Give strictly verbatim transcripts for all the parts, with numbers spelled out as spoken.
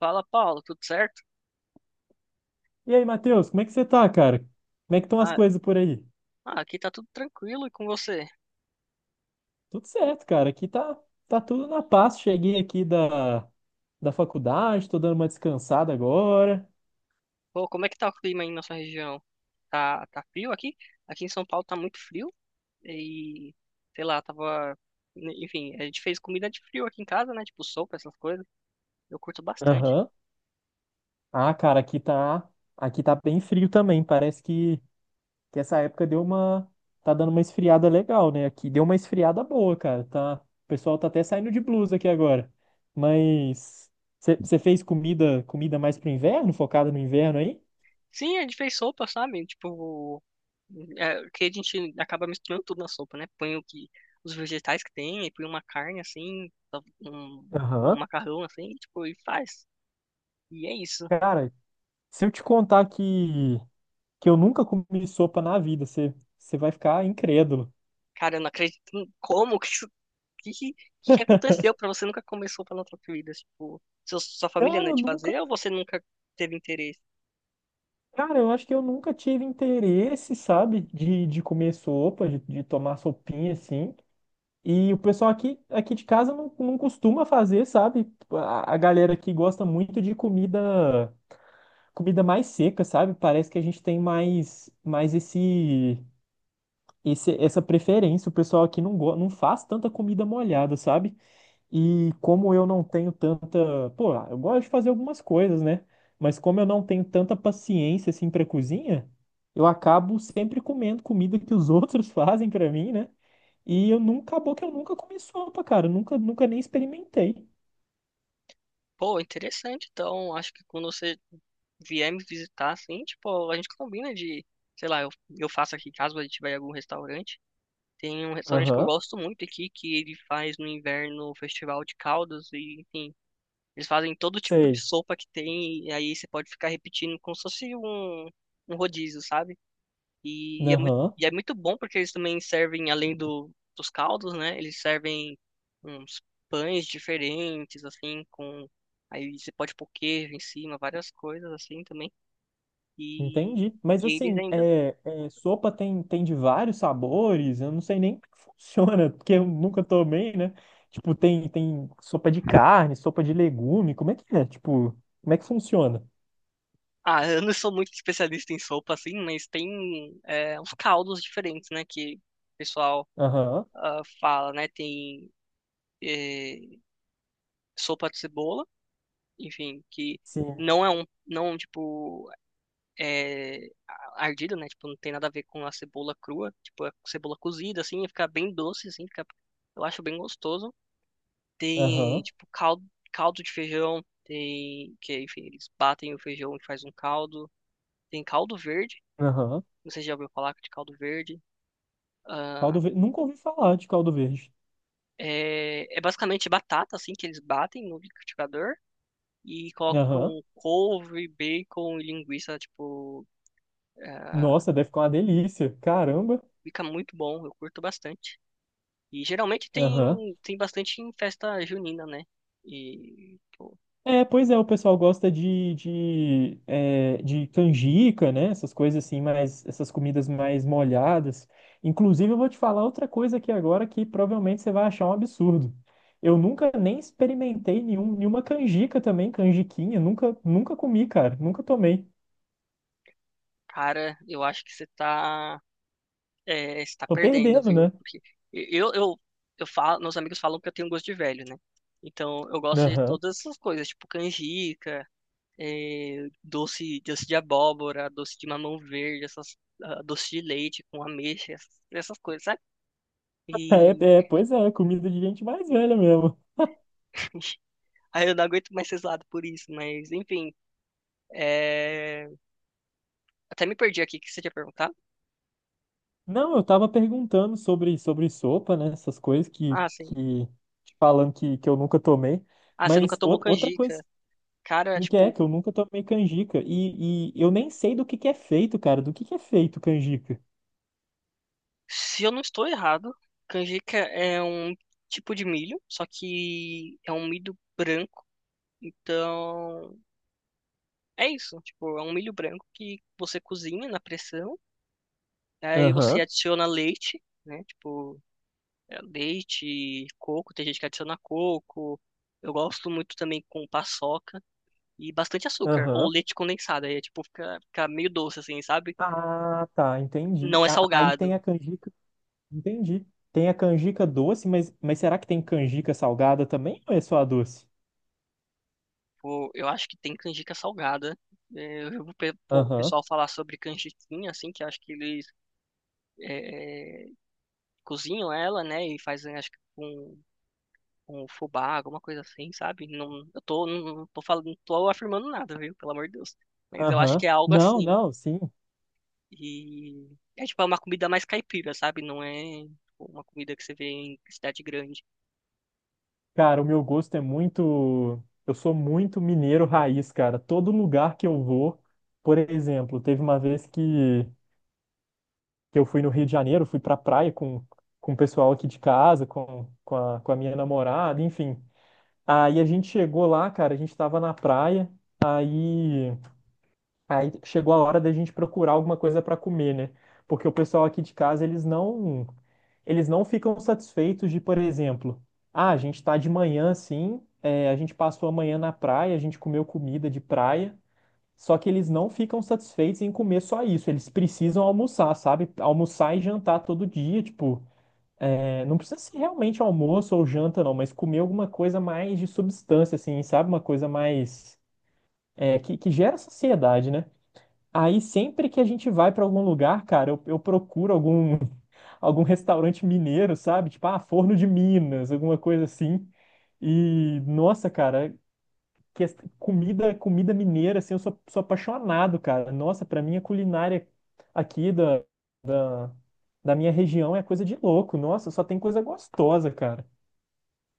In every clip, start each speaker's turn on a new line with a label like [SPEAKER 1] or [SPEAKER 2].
[SPEAKER 1] Fala, Paulo, tudo certo?
[SPEAKER 2] E aí, Matheus, como é que você tá, cara? Como é que estão as
[SPEAKER 1] Ah,
[SPEAKER 2] coisas por aí?
[SPEAKER 1] ah, aqui tá tudo tranquilo e com você?
[SPEAKER 2] Tudo certo, cara. Aqui tá, tá tudo na paz. Cheguei aqui da, da faculdade, tô dando uma descansada agora.
[SPEAKER 1] Pô, como é que tá o clima aí na sua região? Tá, tá frio aqui? Aqui em São Paulo tá muito frio e, sei lá, tava... né, enfim, a gente fez comida de frio aqui em casa, né? Tipo sopa, essas coisas. Eu curto bastante.
[SPEAKER 2] Aham. Ah, cara, aqui tá, aqui tá bem frio também. Parece que, que essa época deu uma, tá dando uma esfriada legal, né? Aqui deu uma esfriada boa, cara. Tá, o pessoal tá até saindo de blusa aqui agora. Mas você fez comida, comida mais pro inverno, focada no inverno aí?
[SPEAKER 1] Sim, a gente fez sopa, sabe? Tipo, é, que a gente acaba misturando tudo na sopa, né? Põe o que, os vegetais que tem, e põe uma carne assim, um, um
[SPEAKER 2] Aham.
[SPEAKER 1] macarrão assim, tipo, e faz. E é isso.
[SPEAKER 2] Cara, se eu te contar que, que eu nunca comi sopa na vida, você, você vai ficar incrédulo.
[SPEAKER 1] Cara, eu não acredito. em- Como? que isso- que, que, que que aconteceu pra você nunca começou plantar comidas? Tipo, seu, sua família
[SPEAKER 2] Cara,
[SPEAKER 1] não é
[SPEAKER 2] eu
[SPEAKER 1] de
[SPEAKER 2] nunca.
[SPEAKER 1] fazer ou você nunca teve interesse?
[SPEAKER 2] Cara, eu acho que eu nunca tive interesse, sabe, de, de comer sopa, de, de tomar sopinha assim. E o pessoal aqui, aqui de casa não, não costuma fazer, sabe? A, a galera aqui gosta muito de comida, comida mais seca, sabe? Parece que a gente tem mais, mais esse, esse, essa preferência. O pessoal aqui não, go- não faz tanta comida molhada, sabe? E como eu não tenho tanta. Pô, eu gosto de fazer algumas coisas, né? Mas como eu não tenho tanta paciência assim pra cozinha, eu acabo sempre comendo comida que os outros fazem pra mim, né? E eu nunca, acabou que eu nunca comi sopa, cara. Eu nunca, nunca nem experimentei.
[SPEAKER 1] Pô, interessante. Então, acho que quando você vier me visitar, assim, tipo, a gente combina de, sei lá, eu, eu faço aqui caso a gente tiver algum restaurante. Tem um restaurante que eu
[SPEAKER 2] Aham,
[SPEAKER 1] gosto muito aqui, que ele faz no inverno o festival de caldos e, enfim, eles fazem todo tipo de
[SPEAKER 2] sei.
[SPEAKER 1] sopa que tem e aí você pode ficar repetindo como se fosse um, um rodízio, sabe? E é muito,
[SPEAKER 2] Aham.
[SPEAKER 1] e é muito bom porque eles também servem, além do, dos caldos, né? Eles servem uns pães diferentes, assim, com. Aí você pode pôr queijo em cima, várias coisas assim também. E,
[SPEAKER 2] Entendi. Mas
[SPEAKER 1] e eles
[SPEAKER 2] assim,
[SPEAKER 1] ainda.
[SPEAKER 2] é, é, sopa tem, tem de vários sabores, eu não sei nem como que funciona, porque eu nunca tomei, né? Tipo, tem, tem sopa de carne, sopa de legume, como é que é? Tipo, como é que funciona?
[SPEAKER 1] Ah, eu não sou muito especialista em sopa, assim, mas tem é, uns caldos diferentes, né? Que o pessoal
[SPEAKER 2] Aham,
[SPEAKER 1] ah, fala, né? Tem eh, sopa de cebola, enfim, que
[SPEAKER 2] sim.
[SPEAKER 1] não é um. Não, tipo. É, ardido, né? Tipo, não tem nada a ver com a cebola crua. Tipo, a cebola cozida, assim, fica bem doce, assim, fica, eu acho bem gostoso. Tem,
[SPEAKER 2] Aham,
[SPEAKER 1] tipo, caldo, caldo de feijão, tem, que, enfim, eles batem o feijão e faz um caldo. Tem caldo verde,
[SPEAKER 2] aham.
[SPEAKER 1] não sei se já ouviu falar de caldo verde.
[SPEAKER 2] Caldo
[SPEAKER 1] Ah,
[SPEAKER 2] verde. Nunca ouvi falar de caldo verde.
[SPEAKER 1] é, é basicamente batata, assim, que eles batem no liquidificador. E
[SPEAKER 2] Aham.
[SPEAKER 1] colocam couve, bacon e linguiça, tipo, ah,
[SPEAKER 2] Nossa, deve ficar uma delícia. Caramba.
[SPEAKER 1] fica muito bom, eu curto bastante. E geralmente
[SPEAKER 2] Aham.
[SPEAKER 1] tem, tem bastante em festa junina, né? E, pô,
[SPEAKER 2] É, pois é, o pessoal gosta de, de, é, de canjica, né? Essas coisas assim, mais, essas comidas mais molhadas. Inclusive, eu vou te falar outra coisa aqui agora que provavelmente você vai achar um absurdo. Eu nunca nem experimentei nenhum, nenhuma canjica também, canjiquinha. Nunca, nunca comi, cara. Nunca tomei.
[SPEAKER 1] cara, eu acho que você tá, é, você tá
[SPEAKER 2] Tô
[SPEAKER 1] perdendo,
[SPEAKER 2] perdendo,
[SPEAKER 1] viu?
[SPEAKER 2] né?
[SPEAKER 1] Porque eu, eu, eu falo, meus amigos falam que eu tenho gosto de velho, né? Então eu gosto de
[SPEAKER 2] Aham.
[SPEAKER 1] todas essas coisas, tipo canjica, é, doce, doce de abóbora, doce de mamão verde, essas, ah, doce de leite com ameixa, essas, essas coisas, sabe? E
[SPEAKER 2] É, é, pois é, comida de gente mais velha mesmo.
[SPEAKER 1] aí eu não aguento mais ser zoado por isso, mas enfim, é, até me perdi aqui, o que você tinha perguntado?
[SPEAKER 2] Não, eu tava perguntando sobre, sobre sopa, né? Essas coisas que,
[SPEAKER 1] Ah, sim.
[SPEAKER 2] que te falando que, que eu nunca tomei.
[SPEAKER 1] Ah, você nunca
[SPEAKER 2] Mas
[SPEAKER 1] tomou
[SPEAKER 2] ou- outra coisa
[SPEAKER 1] canjica. Cara, é,
[SPEAKER 2] que é
[SPEAKER 1] tipo,
[SPEAKER 2] que eu nunca tomei canjica. E, e eu nem sei do que que é feito, cara. Do que que é feito canjica?
[SPEAKER 1] se eu não estou errado, canjica é um tipo de milho, só que é um milho branco. Então, é isso. Tipo, é um milho branco que você cozinha na pressão, aí você
[SPEAKER 2] Aham,
[SPEAKER 1] adiciona leite, né? Tipo, é, leite, coco, tem gente que adiciona coco. Eu gosto muito também com paçoca e bastante açúcar, ou
[SPEAKER 2] aham.
[SPEAKER 1] leite condensado, aí é tipo, fica, fica meio doce, assim, sabe?
[SPEAKER 2] Ah, tá, entendi.
[SPEAKER 1] Não é
[SPEAKER 2] A- Aí tem
[SPEAKER 1] salgado.
[SPEAKER 2] a canjica, entendi. Tem a canjica doce, mas, mas será que tem canjica salgada também ou é só a doce?
[SPEAKER 1] Pô, eu acho que tem canjica salgada. É, eu vi o pe- po- o
[SPEAKER 2] Aham,
[SPEAKER 1] pessoal falar sobre canjiquinha, assim, que eu acho que eles é, é, cozinham ela, né, e fazem, acho que com, com fubá, alguma coisa assim, sabe? Não, eu tô, não, não tô falando, não tô afirmando nada, viu? Pelo amor de Deus. Mas eu acho que
[SPEAKER 2] aham.
[SPEAKER 1] é algo
[SPEAKER 2] Não,
[SPEAKER 1] assim.
[SPEAKER 2] não, sim.
[SPEAKER 1] E é tipo é uma comida mais caipira, sabe? Não é tipo, uma comida que você vê em cidade grande.
[SPEAKER 2] Cara, o meu gosto é muito. Eu sou muito mineiro raiz, cara. Todo lugar que eu vou, por exemplo, teve uma vez que, que eu fui no Rio de Janeiro, fui pra praia com, com o pessoal aqui de casa, com, com a, com a minha namorada, enfim. Aí a gente chegou lá, cara, a gente tava na praia, aí, aí chegou a hora da gente procurar alguma coisa pra comer, né? Porque o pessoal aqui de casa, eles não eles não ficam satisfeitos de, por exemplo, ah, a gente está de manhã sim, é, a gente passou a manhã na praia, a gente comeu comida de praia, só que eles não ficam satisfeitos em comer só isso, eles precisam almoçar, sabe? Almoçar e jantar todo dia, tipo, é, não precisa ser realmente almoço ou janta, não, mas comer alguma coisa mais de substância, assim, sabe? Uma coisa mais. É, que, que gera saciedade, né? Aí sempre que a gente vai para algum lugar, cara, eu, eu procuro algum algum restaurante mineiro, sabe? Tipo, ah, Forno de Minas, alguma coisa assim. E, nossa, cara, que es- comida, comida mineira, assim, eu sou, sou apaixonado, cara. Nossa, pra mim a culinária aqui da, da minha região é coisa de louco. Nossa, só tem coisa gostosa, cara.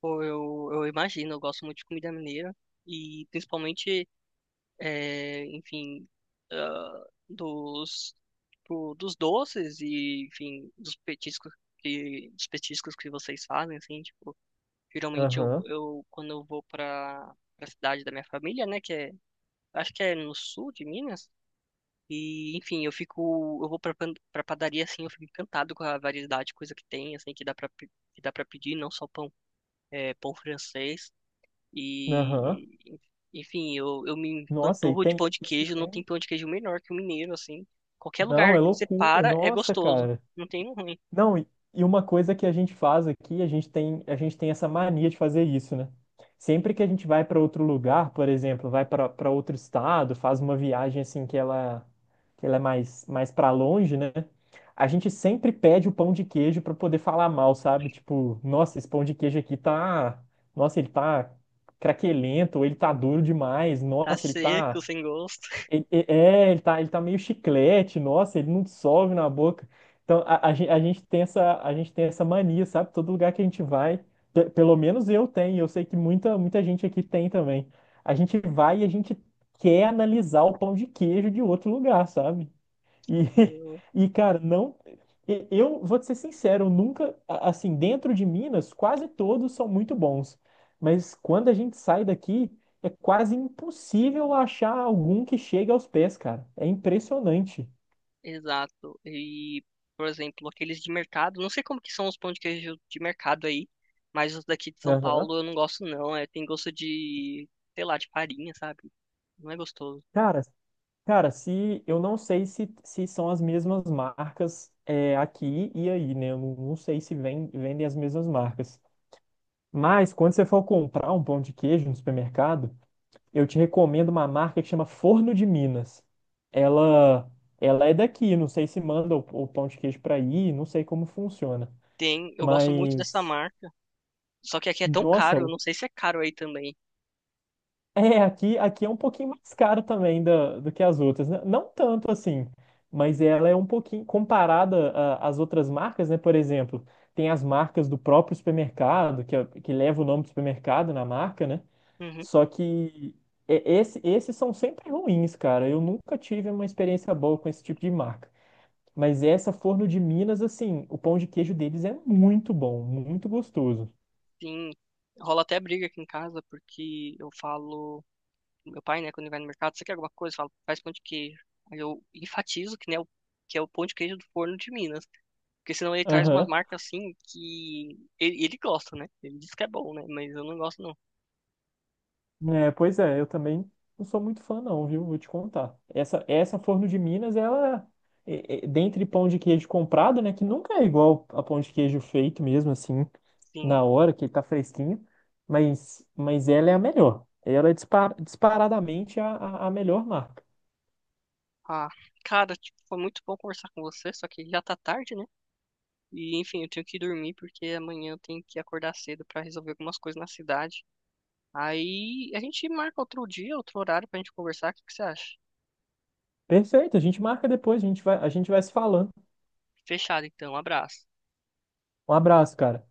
[SPEAKER 1] Pô, eu, eu imagino, eu gosto muito de comida mineira. E principalmente é, enfim, ah, dos, tipo, dos doces e, enfim, dos petiscos que, dos petiscos que vocês fazem, assim, tipo, geralmente eu,
[SPEAKER 2] Aham,
[SPEAKER 1] eu quando eu vou para a cidade da minha família, né, que é, acho que é no sul de Minas, e, enfim, eu fico, eu vou para para padaria, assim, eu fico encantado com a variedade de coisa que tem, assim, que dá para que dá para pedir, não só pão, é, pão francês,
[SPEAKER 2] aham.
[SPEAKER 1] e, enfim, eu, eu me
[SPEAKER 2] Nossa, e
[SPEAKER 1] empanturro de
[SPEAKER 2] tem,
[SPEAKER 1] pão de
[SPEAKER 2] e se
[SPEAKER 1] queijo. Não tem
[SPEAKER 2] tem?
[SPEAKER 1] pão de queijo melhor que o mineiro, assim. Qualquer
[SPEAKER 2] Não,
[SPEAKER 1] lugar
[SPEAKER 2] é
[SPEAKER 1] que você
[SPEAKER 2] loucura.
[SPEAKER 1] para é
[SPEAKER 2] Nossa,
[SPEAKER 1] gostoso.
[SPEAKER 2] cara.
[SPEAKER 1] Não tem um ruim.
[SPEAKER 2] Não, e e uma coisa que a gente faz aqui, a gente tem, a gente tem essa mania de fazer isso, né? Sempre que a gente vai para outro lugar, por exemplo, vai para para outro estado, faz uma viagem assim que ela, que ela é mais, mais para longe, né? A gente sempre pede o pão de queijo para poder falar mal, sabe? Tipo, nossa, esse pão de queijo aqui tá, nossa, ele tá craquelento, ou ele tá duro demais,
[SPEAKER 1] Tá
[SPEAKER 2] nossa, ele
[SPEAKER 1] seco,
[SPEAKER 2] tá
[SPEAKER 1] sem gosto.
[SPEAKER 2] ele, e- é, ele tá, ele tá meio chiclete, nossa, ele não dissolve na boca. Então, a, a, gen- a gente tem essa, a gente tem essa mania, sabe? Todo lugar que a gente vai, pe- pelo menos eu tenho, eu sei que muita, muita gente aqui tem também. A gente vai e a gente quer analisar o pão de queijo de outro lugar, sabe? E,
[SPEAKER 1] Eu-
[SPEAKER 2] e cara, não. e- Eu vou te ser sincero, eu nunca. a- Assim, dentro de Minas, quase todos são muito bons. Mas quando a gente sai daqui, é quase impossível achar algum que chegue aos pés, cara. É impressionante.
[SPEAKER 1] Exato. E, por exemplo, aqueles de mercado. Não sei como que são os pão de queijo de mercado aí. Mas os daqui de São
[SPEAKER 2] Aham.
[SPEAKER 1] Paulo eu não gosto, não. É, tem gosto de, sei lá, de farinha, sabe? Não é gostoso.
[SPEAKER 2] Cara, cara, se eu não sei se, se são as mesmas marcas é, aqui e aí, né? Eu não não sei se vem- vendem as mesmas marcas. Mas quando você for comprar um pão de queijo no supermercado, eu te recomendo uma marca que chama Forno de Minas. Ela, ela é daqui, não sei se manda o, o pão de queijo para aí, não sei como funciona.
[SPEAKER 1] Tem, eu gosto muito dessa
[SPEAKER 2] Mas,
[SPEAKER 1] marca. Só que aqui é tão
[SPEAKER 2] nossa,
[SPEAKER 1] caro. Eu
[SPEAKER 2] o-
[SPEAKER 1] não sei se é caro aí também.
[SPEAKER 2] é, aqui, aqui é um pouquinho mais caro também da, do que as outras, né? Não tanto assim, mas ela é um pouquinho, comparada a- às outras marcas, né? Por exemplo, tem as marcas do próprio supermercado, que, é- que leva o nome do supermercado na marca, né?
[SPEAKER 1] Uhum.
[SPEAKER 2] Só que é- esse, esses são sempre ruins, cara. Eu nunca tive uma experiência boa com esse tipo de marca. Mas essa Forno de Minas, assim, o pão de queijo deles é muito bom, muito gostoso.
[SPEAKER 1] Sim, rola até briga aqui em casa, porque eu falo, meu pai, né, quando ele vai no mercado, você quer alguma coisa? Eu falo, faz pão de queijo. Aí eu enfatizo que, né, o- que é o pão de queijo do Forno de Minas, porque senão ele traz umas
[SPEAKER 2] Aham.
[SPEAKER 1] marcas assim que ele, ele gosta, né? Ele diz que é bom, né? Mas eu não gosto, não.
[SPEAKER 2] É, pois é, eu também não sou muito fã não, viu? Vou te contar. Essa, essa Forno de Minas, ela, é, é, é dentre pão de queijo comprado, né, que nunca é igual a pão de queijo feito mesmo, assim,
[SPEAKER 1] Sim.
[SPEAKER 2] na hora, que ele tá fresquinho, mas, mas ela é a melhor. Ela é dispar, disparadamente a, a, a melhor marca.
[SPEAKER 1] Ah, cara, tipo, foi muito bom conversar com você, só que já tá tarde, né? E enfim, eu tenho que dormir porque amanhã eu tenho que acordar cedo pra resolver algumas coisas na cidade. Aí a gente marca outro dia, outro horário pra gente conversar. O que que você acha?
[SPEAKER 2] Perfeito, a gente marca depois, a gente vai, a gente vai se falando.
[SPEAKER 1] Fechado, então. Um abraço.
[SPEAKER 2] Um abraço, cara.